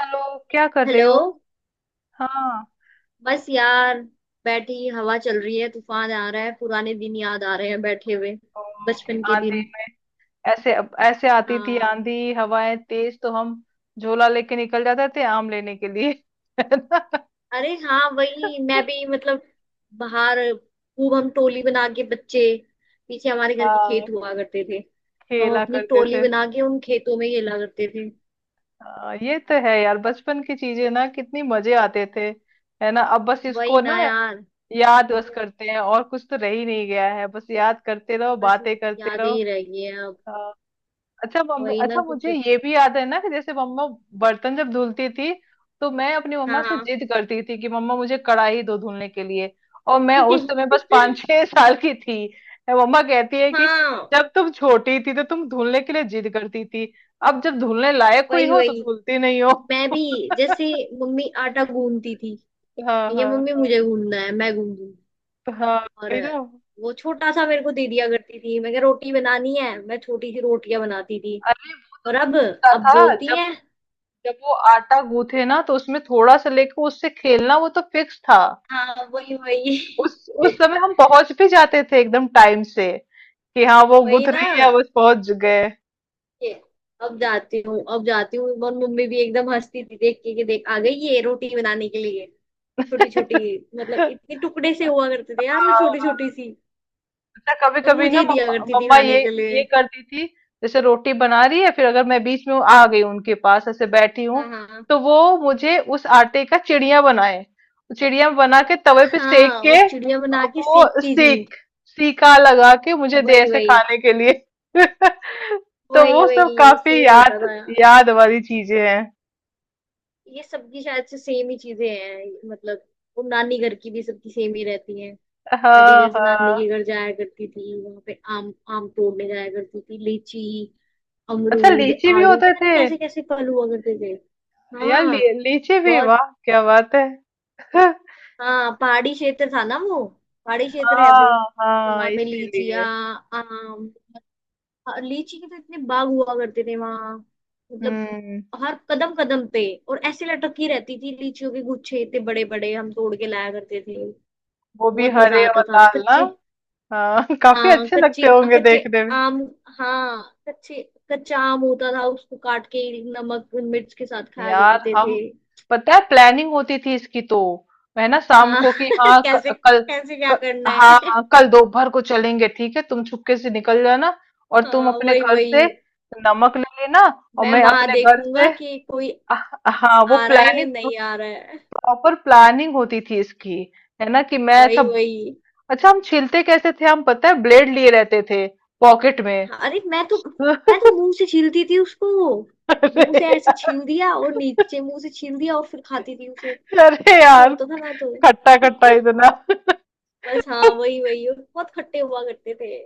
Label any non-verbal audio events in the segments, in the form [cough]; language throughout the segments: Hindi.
हेलो। क्या कर रही हेलो। हो? हाँ। बस यार, बैठी हवा चल रही है, तूफान आ रहा है, पुराने दिन याद आ रहे हैं बैठे हुए। ओ, कि बचपन के आंधी दिन। में ऐसे ऐसे आती थी हाँ। आंधी। हवाएं तेज तो हम झोला लेके निकल जाते थे आम लेने के लिए। [laughs] है ना? अरे हाँ, वही मैं भी, मतलब बाहर खूब हम टोली बना के बच्चे, पीछे हमारे घर के हाँ, खेत हुआ करते थे, तो हम खेला अपनी करते टोली थे। बना के उन खेतों में खेला करते थे। हाँ, ये तो है यार, बचपन की चीजें ना कितनी मजे आते थे। है ना? अब बस वही इसको ना ना यार। याद बस करते हैं, और कुछ तो रह ही नहीं गया है। बस याद करते रहो, बस बातें करते यादें रहो। ही रह गई हैं अब। हाँ। अच्छा मम्मी, वही ना अच्छा कुछ। मुझे ये भी याद है ना कि जैसे मम्मा बर्तन जब धुलती थी तो मैं अपनी हाँ मम्मा से हाँ। जिद करती थी कि मम्मा मुझे कढ़ाई दो धुलने के लिए। और मैं उस समय [laughs] बस 5 6 [laughs] साल की थी। मैं, मम्मा कहती है कि हाँ जब तुम छोटी थी तो तुम धुलने के लिए जिद करती थी, अब जब धुलने लायक हुई वही हो तो वही। धुलती नहीं हो। मैं भी [laughs] जैसे मम्मी आटा गूंदती थी, हाँ ये हाँ मम्मी हाँ। मुझे गूंदना है, मैं गूंद दूंगी। तो हाँ, और वही ना। वो छोटा सा मेरे को दे दिया करती थी, मैं कहा रोटी बनानी है, मैं छोटी सी रोटियां बनाती थी। अरे और अब होता अब था, बोलती जब है। जब वो आटा गूथे ना तो उसमें थोड़ा सा लेके उससे खेलना वो तो फिक्स था। हाँ वही वही। उस समय हम पहुंच भी जाते थे एकदम टाइम से कि हाँ वो [laughs] वही गुथ ना। रही है बस पहुंच गए। ये अब जाती हूँ, अब जाती हूँ, और मम्मी भी एकदम हंसती थी देख के, कि देख आ गई ये रोटी बनाने के लिए। छोटी छोटी, [laughs] मतलब इतने टुकड़े से हुआ करते थे यार, वो छोटी छोटी सी। अच्छा कभी और कभी मुझे ना ही दिया मम्मा करती थी मम्मा खाने ये के ये लिए। करती थी, जैसे रोटी बना रही है, फिर अगर मैं बीच में आ गई उनके पास ऐसे बैठी हूँ हाँ हाँ तो वो मुझे उस आटे का चिड़िया बनाए, चिड़िया बना के तवे पे सेक हाँ। और के चिड़िया और बना के वो सेकती थी। सीका लगा के मुझे दे वही ऐसे वही। खाने के लिए। [laughs] तो वही वो सब वही काफी सेम होता याद, था यार। याद वाली चीजें हैं। ये सबकी शायद से सेम ही चीजें हैं, मतलब वो नानी घर की भी सबकी सेम ही रहती है। मैं भी हाँ जैसे नानी के हाँ। घर जाया करती थी, वहां पे आम, आम तोड़ने जाया करती थी, लीची, अच्छा अमरूद, लीची भी आड़ू, होते पता नहीं थे कैसे कैसे फल हुआ करते थे। यार। हाँ। लीची भी, बहुत। वाह क्या बात है। [laughs] हाँ पहाड़ी क्षेत्र था ना वो, पहाड़ी क्षेत्र है वो। हाँ तो हाँ, वहां पे लीचियाँ, इसीलिए। आम। हाँ, लीची के तो इतने बाग हुआ करते थे वहां, मतलब हम्म। हर कदम कदम पे। और ऐसे लटकी रहती थी लीचियों के गुच्छे, इतने बड़े बड़े हम तोड़ के लाया करते थे। वो भी बहुत मजा हरे और आता था। लाल ना। कच्चे। हाँ, [laughs] काफी हाँ अच्छे कच्ची, लगते होंगे कच्चे देखने में। आम। हाँ कच्चे, कच्चा आम होता था, उसको काट के नमक मिर्च के साथ खाया यार करते थे। हम, पता है, प्लानिंग होती थी इसकी तो। है ना? शाम हाँ। को कि [laughs] हाँ, कैसे कल कैसे क्या क, करना हाँ है। हाँ, [laughs] कल दोपहर को चलेंगे ठीक है, तुम चुपके से निकल जाना और तुम हाँ अपने वही घर से वही। नमक ले लेना, और मैं मैं वहां अपने घर देखूंगा से। कि कोई हाँ, वो आ रहा है या प्लानिंग, नहीं आ रहा है। प्रॉपर प्लानिंग होती थी इसकी। है ना? कि मैं, अच्छा। वही वही। अच्छा हम छीलते कैसे थे? हम, पता है, ब्लेड लिए रहते थे पॉकेट में। हाँ, अरे मैं तो, मैं तो [laughs] मुंह से छीलती थी उसको। मुंह अरे से ऐसे यार, छील दिया, और नीचे मुंह से छील दिया, और फिर खाती थी उसे। अरे ऐसे यार, होता था मैं तो। खट्टा खट्टा [laughs] इतना। बस हाँ [laughs] वही वही, और बहुत खट्टे हुआ करते थे।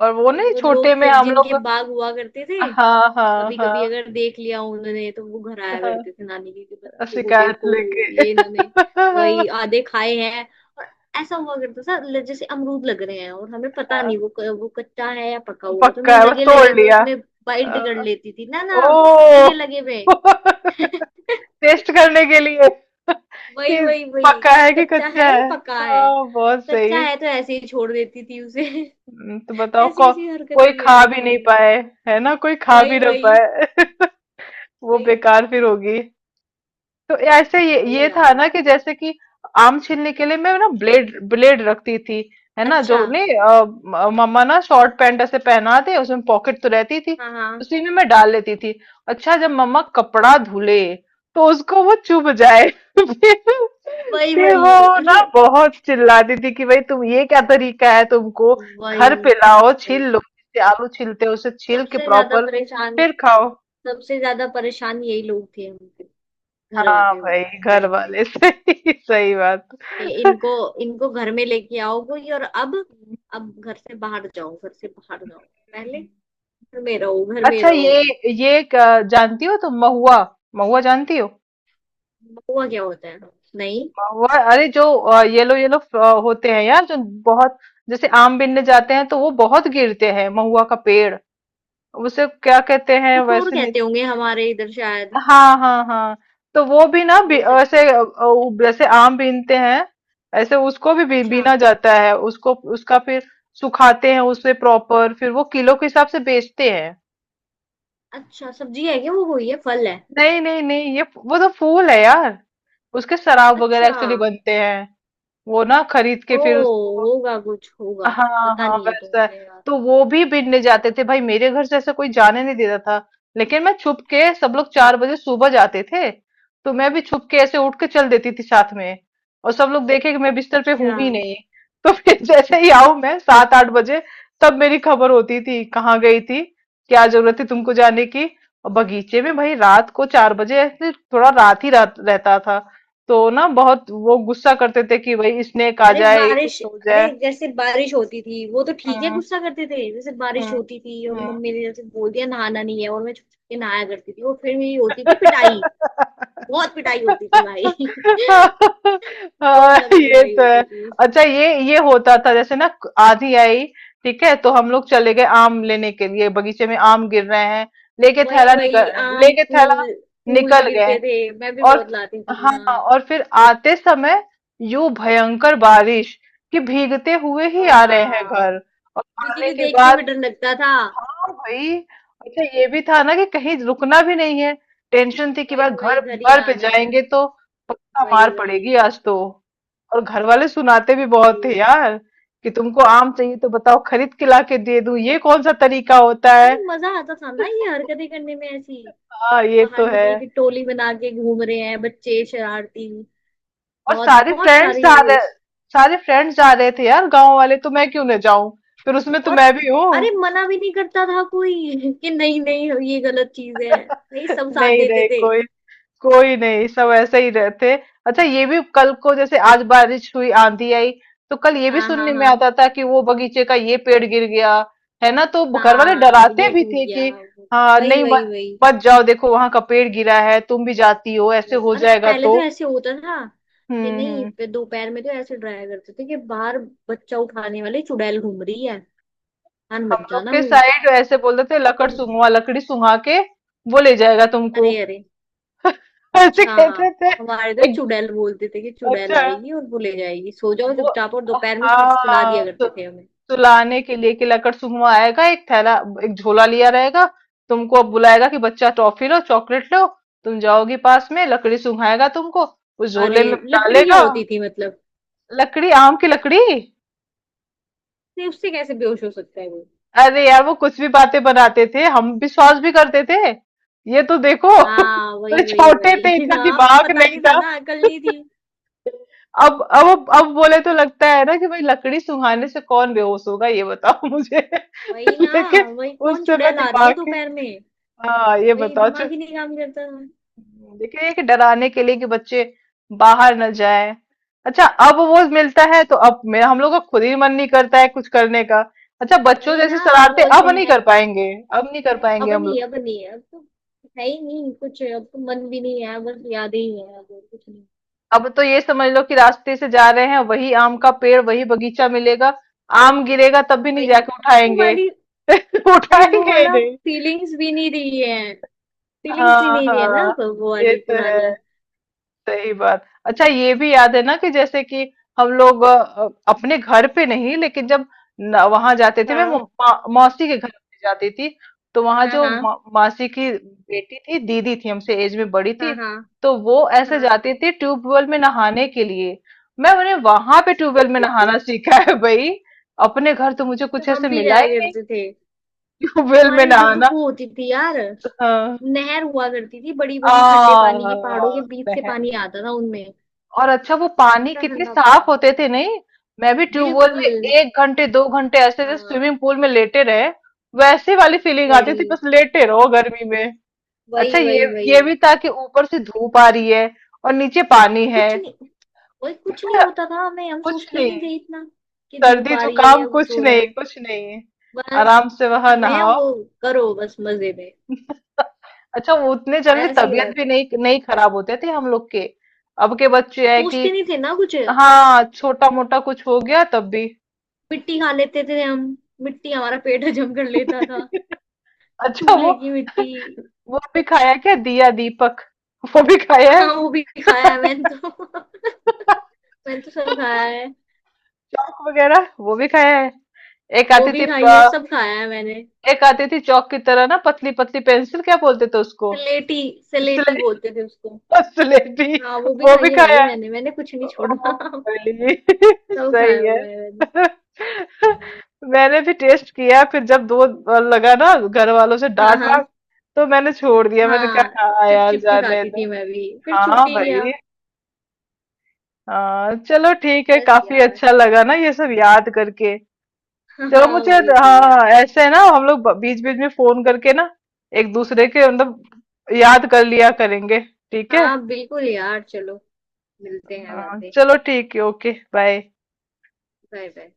और वो और नहीं, वो लोग छोटे में फिर हम जिनके लोग। बाग हुआ करते थे, हाँ हाँ कभी हाँ कभी अगर देख लिया उन्होंने, तो वो घर आया हाँ, करते थे, नानी जी के बच्चों को शिकायत देखो, लेके। ये [laughs] इन्होंने, वही आधे खाए हैं। और ऐसा हुआ करता था, जैसे अमरूद लग रहे हैं, और हमें पता हाँ, नहीं वो वो कच्चा है या पका हुआ, तो पक्का मैं है, बस लगे लगे तोड़ में लिया। उसमें बाइट कर हाँ, लेती थी। ना ना, ओ। लगे लगे में। [laughs] [laughs] टेस्ट करने के लिए [laughs] वही कि वही वही, पक्का कि ये है कि कच्चा है कच्चा या है। पका है। हाँ बहुत कच्चा सही। है तो ऐसे ही छोड़ देती थी उसे। तो [laughs] बताओ ऐसी ऐसी हरकतें कोई किया खा भी करती नहीं थी। पाए, है ना? कोई खा भी वही ना वही। पाए। [laughs] वो वही बेकार फिर होगी। तो ऐसे ये वही ये था यार। ना कि जैसे कि आम छीलने के लिए मैं ना ब्लेड ब्लेड रखती थी, है ना? अच्छा। जो नहीं मम्मा ना शॉर्ट पैंट ऐसे पहना दे, उसमें पॉकेट तो रहती थी, हाँ हाँ। उसी में मैं डाल लेती थी। अच्छा जब मम्मा कपड़ा धुले तो उसको वो चुभ जाए। [laughs] फिर वही फिर वही। वो ना अरे बहुत चिल्लाती थी कि भाई तुम, ये क्या तरीका है? तुमको वही घर पे लाओ, छील वही। लो, जिससे आलू छीलते हो उसे छील के सबसे ज्यादा प्रॉपर परेशान, फिर खाओ। सबसे ज्यादा परेशान यही लोग थे हमके, घर हाँ वाले, भाई, बस घर टाइम पे वाले। [laughs] सही सही बात। कि हम्म। इनको, इनको घर में लेके आओ कोई। और अब घर से बाहर जाओ, घर से बाहर जाओ। पहले घर में रहो, घर में अच्छा रहो। ये जानती हो तुम महुआ? महुआ जानती हो? हुआ क्या होता है। नहीं, महुआ अरे, जो येलो येलो होते हैं यार, जो बहुत, जैसे आम बिनने जाते हैं तो वो बहुत गिरते हैं महुआ का पेड़। उसे क्या कहते हैं कुछ और वैसे, नहीं कहते तो। होंगे हमारे इधर शायद। हाँ हाँ हाँ। तो वो भी ना, हो सकते ऐसे हैं। जैसे आम बीनते हैं ऐसे उसको भी अच्छा। बीना जाता है, उसको उसका फिर सुखाते हैं उसे प्रॉपर, फिर वो किलो के हिसाब से बेचते हैं। अच्छा सब्जी है क्या, वो वही है, फल है। नहीं नहीं नहीं, ये वो तो फूल है यार। उसके शराब वगैरह अच्छा। एक्चुअली बनते हैं। वो ना खरीद के ओ, फिर उसको। होगा, कुछ होगा। हाँ, पता हाँ, नहीं है तो वैसा है। मुझे यार। तो वो भी बीनने जाते थे भाई, मेरे घर से ऐसा कोई जाने नहीं देता था, लेकिन मैं छुप के, सब लोग 4 बजे सुबह जाते थे तो मैं भी छुप के ऐसे उठ के चल देती थी साथ में। और सब लोग देखे कि मैं बिस्तर पे अच्छा। हूं ही नहीं, तो [laughs] फिर जैसे ही आऊं मैं 7 8 बजे, तब मेरी खबर होती थी, कहाँ गई थी, क्या जरूरत थी तुमको जाने की। और बगीचे में भाई, रात को 4 बजे ऐसे थोड़ा रात ही रात रहता था, तो ना बहुत वो गुस्सा करते थे कि भाई स्नेक आ अरे जाए, कुछ बारिश, हो अरे जाए। जैसे बारिश होती थी वो तो ठीक है गुस्सा करते थे, जैसे बारिश हम्म होती थी और हम्म। मम्मी ने जैसे बोल दिया नहाना नहीं है, और मैं छुप छुप के नहाया करती थी, और फिर मेरी होती थी पिटाई। बहुत पिटाई होती थी भाई। [laughs] [laughs] बहुत हाँ ज्यादा ये पिटाई तो है। होती थी। अच्छा ये होता था, जैसे ना आंधी आई, ठीक है, तो हम लोग चले गए आम लेने के लिए बगीचे में, आम गिर रहे हैं, वही वही आम, लेके थैला फूल, फूल निकल गए। गिरते थे, मैं भी और बहुत लाती थी हाँ, हाँ। और फिर आते समय यूं भयंकर बारिश कि भीगते हुए ही और आ रहे हैं हाँ, घर। और आने बिजली के देख के भी बाद, डर लगता था। हाँ भाई। अच्छा ये भी था ना कि कहीं रुकना भी नहीं है, टेंशन थी कि बार वही वही घर घर ही घर पे आना है। जाएंगे तो पक्का वही मार वही पड़ेगी आज तो। और घर वाले सुनाते भी बहुत थे वही। यार कि तुमको आम चाहिए तो बताओ, खरीद के ला के दे दूं, ये कौन सा तरीका होता है। अरे मजा आता था ना ये हरकतें करने में ऐसी। हाँ ये बाहर तो है। निकल के टोली बना के घूम रहे हैं बच्चे शरारती, और बहुत बहुत सारी। सारे फ्रेंड्स जा रहे थे यार गांव वाले, तो मैं क्यों ना जाऊं? फिर उसमें तो और मैं भी हूँ। अरे मना भी नहीं करता था कोई, [laughs] कि नहीं नहीं ये गलत चीज है। नहीं, सब [laughs] साथ नहीं देते नहीं थे। कोई, कोई नहीं, सब ऐसे ही रहते। अच्छा ये भी, कल को जैसे आज बारिश हुई आंधी आई तो कल ये भी हाँ हाँ सुनने में हाँ। आता था कि वो बगीचे का ये पेड़ गिर गया, है ना? तो घर वाले हाँ डराते ये भी टूट थे गया। कि हाँ वही नहीं, वही मत वही। मत जाओ, देखो वहां का पेड़ गिरा है, तुम भी जाती हो ऐसे वही हो अरे जाएगा पहले तो। तो ऐसे होता था कि नहीं, हम्म। दोपहर में तो ऐसे डराया करते थे कि बाहर बच्चा उठाने वाली चुड़ैल घूम रही है, कान हम बच लोग जाना के हुई। साइड ऐसे बोलते थे, लकड़ सुंघवा, लकड़ी सुंघा के वो ले जाएगा तुमको। अरे अरे। [laughs] ऐसे अच्छा कहते थे। हमारे इधर एक चुड़ैल बोलते थे, कि चुड़ैल अच्छा आएगी और वो ले जाएगी, सो जाओ वो, चुपचाप, और दोपहर में सुला हाँ, दिया करते थे हमें। सुलाने के लिए कि लकड़ सुगमा आएगा, एक झोला लिया रहेगा, तुमको अब बुलाएगा कि बच्चा टॉफी लो चॉकलेट लो, तुम जाओगी पास में, लकड़ी सुंघाएगा तुमको, उस अरे झोले में लकड़ी क्या डालेगा। होती थी मतलब। लकड़ी, आम की लकड़ी। नहीं उससे कैसे बेहोश हो सकता है वो। अरे यार, वो कुछ भी बातें बनाते थे, हम विश्वास भी करते थे। ये तो देखो। [laughs] हाँ तो वही वही छोटे थे, वही। [laughs] इतना हाँ दिमाग पता नहीं नहीं था था। ना, अकल नहीं थी। अब बोले तो लगता है ना कि भाई, लकड़ी सुंघाने से कौन बेहोश होगा, ये बताओ मुझे। वही [laughs] ना। लेकिन वही कौन उस समय चुड़ैल आ रही दिमाग है के, दोपहर में। हाँ ये वही बताओ। दिमाग ही नहीं काम करता था। देखिए कि डराने के लिए कि बच्चे बाहर न जाएं। अच्छा अब वो मिलता है तो अब मेरा, हम लोग का खुद ही मन नहीं करता है कुछ करने का। अच्छा बच्चों वही जैसे ना, अब शरारते अब बोलते नहीं हैं। कर पाएंगे, अब नहीं कर पाएंगे अब हम नहीं, लोग। अब नहीं, अब तो है ही नहीं कुछ, अब तो मन भी नहीं है, बस यादें ही है और कुछ नहीं। अब तो ये समझ लो कि रास्ते से जा रहे हैं वही आम का पेड़, वही बगीचा मिलेगा, आम गिरेगा तब भी नहीं वही। जाके वो उठाएंगे। वाली, [laughs] अरे वो उठाएंगे ही वाला नहीं। फीलिंग्स भी नहीं रही है। फीलिंग्स भी हाँ नहीं रही है ना हाँ अब वो ये वाली तो है, पुरानी। सही बात। अच्छा ये भी याद है ना कि जैसे कि हम लोग अपने घर पे नहीं, लेकिन जब वहां जाते थे, मैं हाँ मौसी के घर पे जाती थी, तो वहां हाँ जो हाँ। मासी की बेटी थी, दीदी थी, हमसे एज में बड़ी थी, हाँ हाँ तो वो ऐसे हाँ। जाती थी ट्यूबवेल में नहाने के लिए। मैं उन्हें वहां पे ट्यूबवेल [laughs] में नहाना सीखा है भाई। अपने घर तो मुझे तो कुछ हम ऐसे भी मिला जाया ही नहीं, करते थे। ट्यूबवेल में हमारे उधर तो नहाना। वो होती थी यार, हाँ। नहर हुआ करती थी बड़ी बड़ी ठंडे पानी की, पहाड़ों के बीच आ, से पानी आता था उनमें। और अच्छा वो पानी ठंडा कितने ठंडा साफ पानी। होते थे, नहीं? मैं भी ट्यूबवेल बिल्कुल। में 1 घंटे 2 घंटे ऐसे, जैसे हाँ। स्विमिंग पूल में लेटे रहे वैसे वाली फीलिंग आती थी, वही बस लेटे रहो गर्मी में। अच्छा वही वही। ये वही ये भी था कि ऊपर से धूप आ रही है और नीचे पानी है, कुछ नहीं। वही कुछ नहीं होता था हमें, हम कुछ सोचते ही नहीं, नहीं थे इतना, कि धूप सर्दी आ रही है जुकाम या कुछ कुछ हो रहा नहीं है। कुछ नहीं, बस आराम से जो वहां कर रहे हैं, नहाओ। वो करो बस मजे में। अच्छा वो उतने जल्दी ऐसे ही तबीयत भी रहता था, नहीं नहीं खराब होते थे हम लोग के। अब के बच्चे हैं कि, सोचते नहीं थे ना कुछ। हाँ छोटा मोटा कुछ हो गया तब भी। मिट्टी खा लेते थे हम, मिट्टी हमारा पेट हजम कर लेता था। [laughs] अच्छा चूल्हे वो की मिट्टी। वो भी खाया है, क्या? दिया, दीपक वो भी खाया है, हाँ वो भी खाया है मैंने तो। [laughs] मैंने तो सब खाया है। दीपक वगैरह वो भी खाया है। एक वो आती भी थी खाई है, अ, सब खाया है मैंने। एक आती थी चौक की तरह ना, पतली पतली पेंसिल, क्या बोलते थे उसको? सलेटी, सलेटी स्लेटी। बोलते थे उसको। [laughs] स्लेटी, हाँ वो भी वो खाई भी है भाई, खाया है। मैंने मैंने कुछ नहीं ओ छोड़ा। [laughs] भाई। [laughs] सब खाया सही है। हुआ है मैंने। [laughs] मैंने भी टेस्ट किया, फिर जब 2 बार लगा ना घर वालों से हाँ डांट हाँ। वाट, तो मैंने छोड़ दिया। मैंने हाँ कहा हाँ चिप यार चिप के जाने खाती दो। थी मैं भी, फिर छूट हाँ ही गया। भाई। हाँ चलो ठीक है, बस काफी यार। अच्छा लगा ना ये सब याद करके। चलो हाँ मुझे, हाँ, बिल्कुल हाँ, यार। ऐसे है ना, हम लोग बीच बीच में फोन करके ना एक दूसरे के मतलब याद कर लिया करेंगे। ठीक है? हाँ बिल्कुल यार, चलो मिलते हैं बाद हाँ, में। चलो ठीक है, ओके बाय। Bye bye.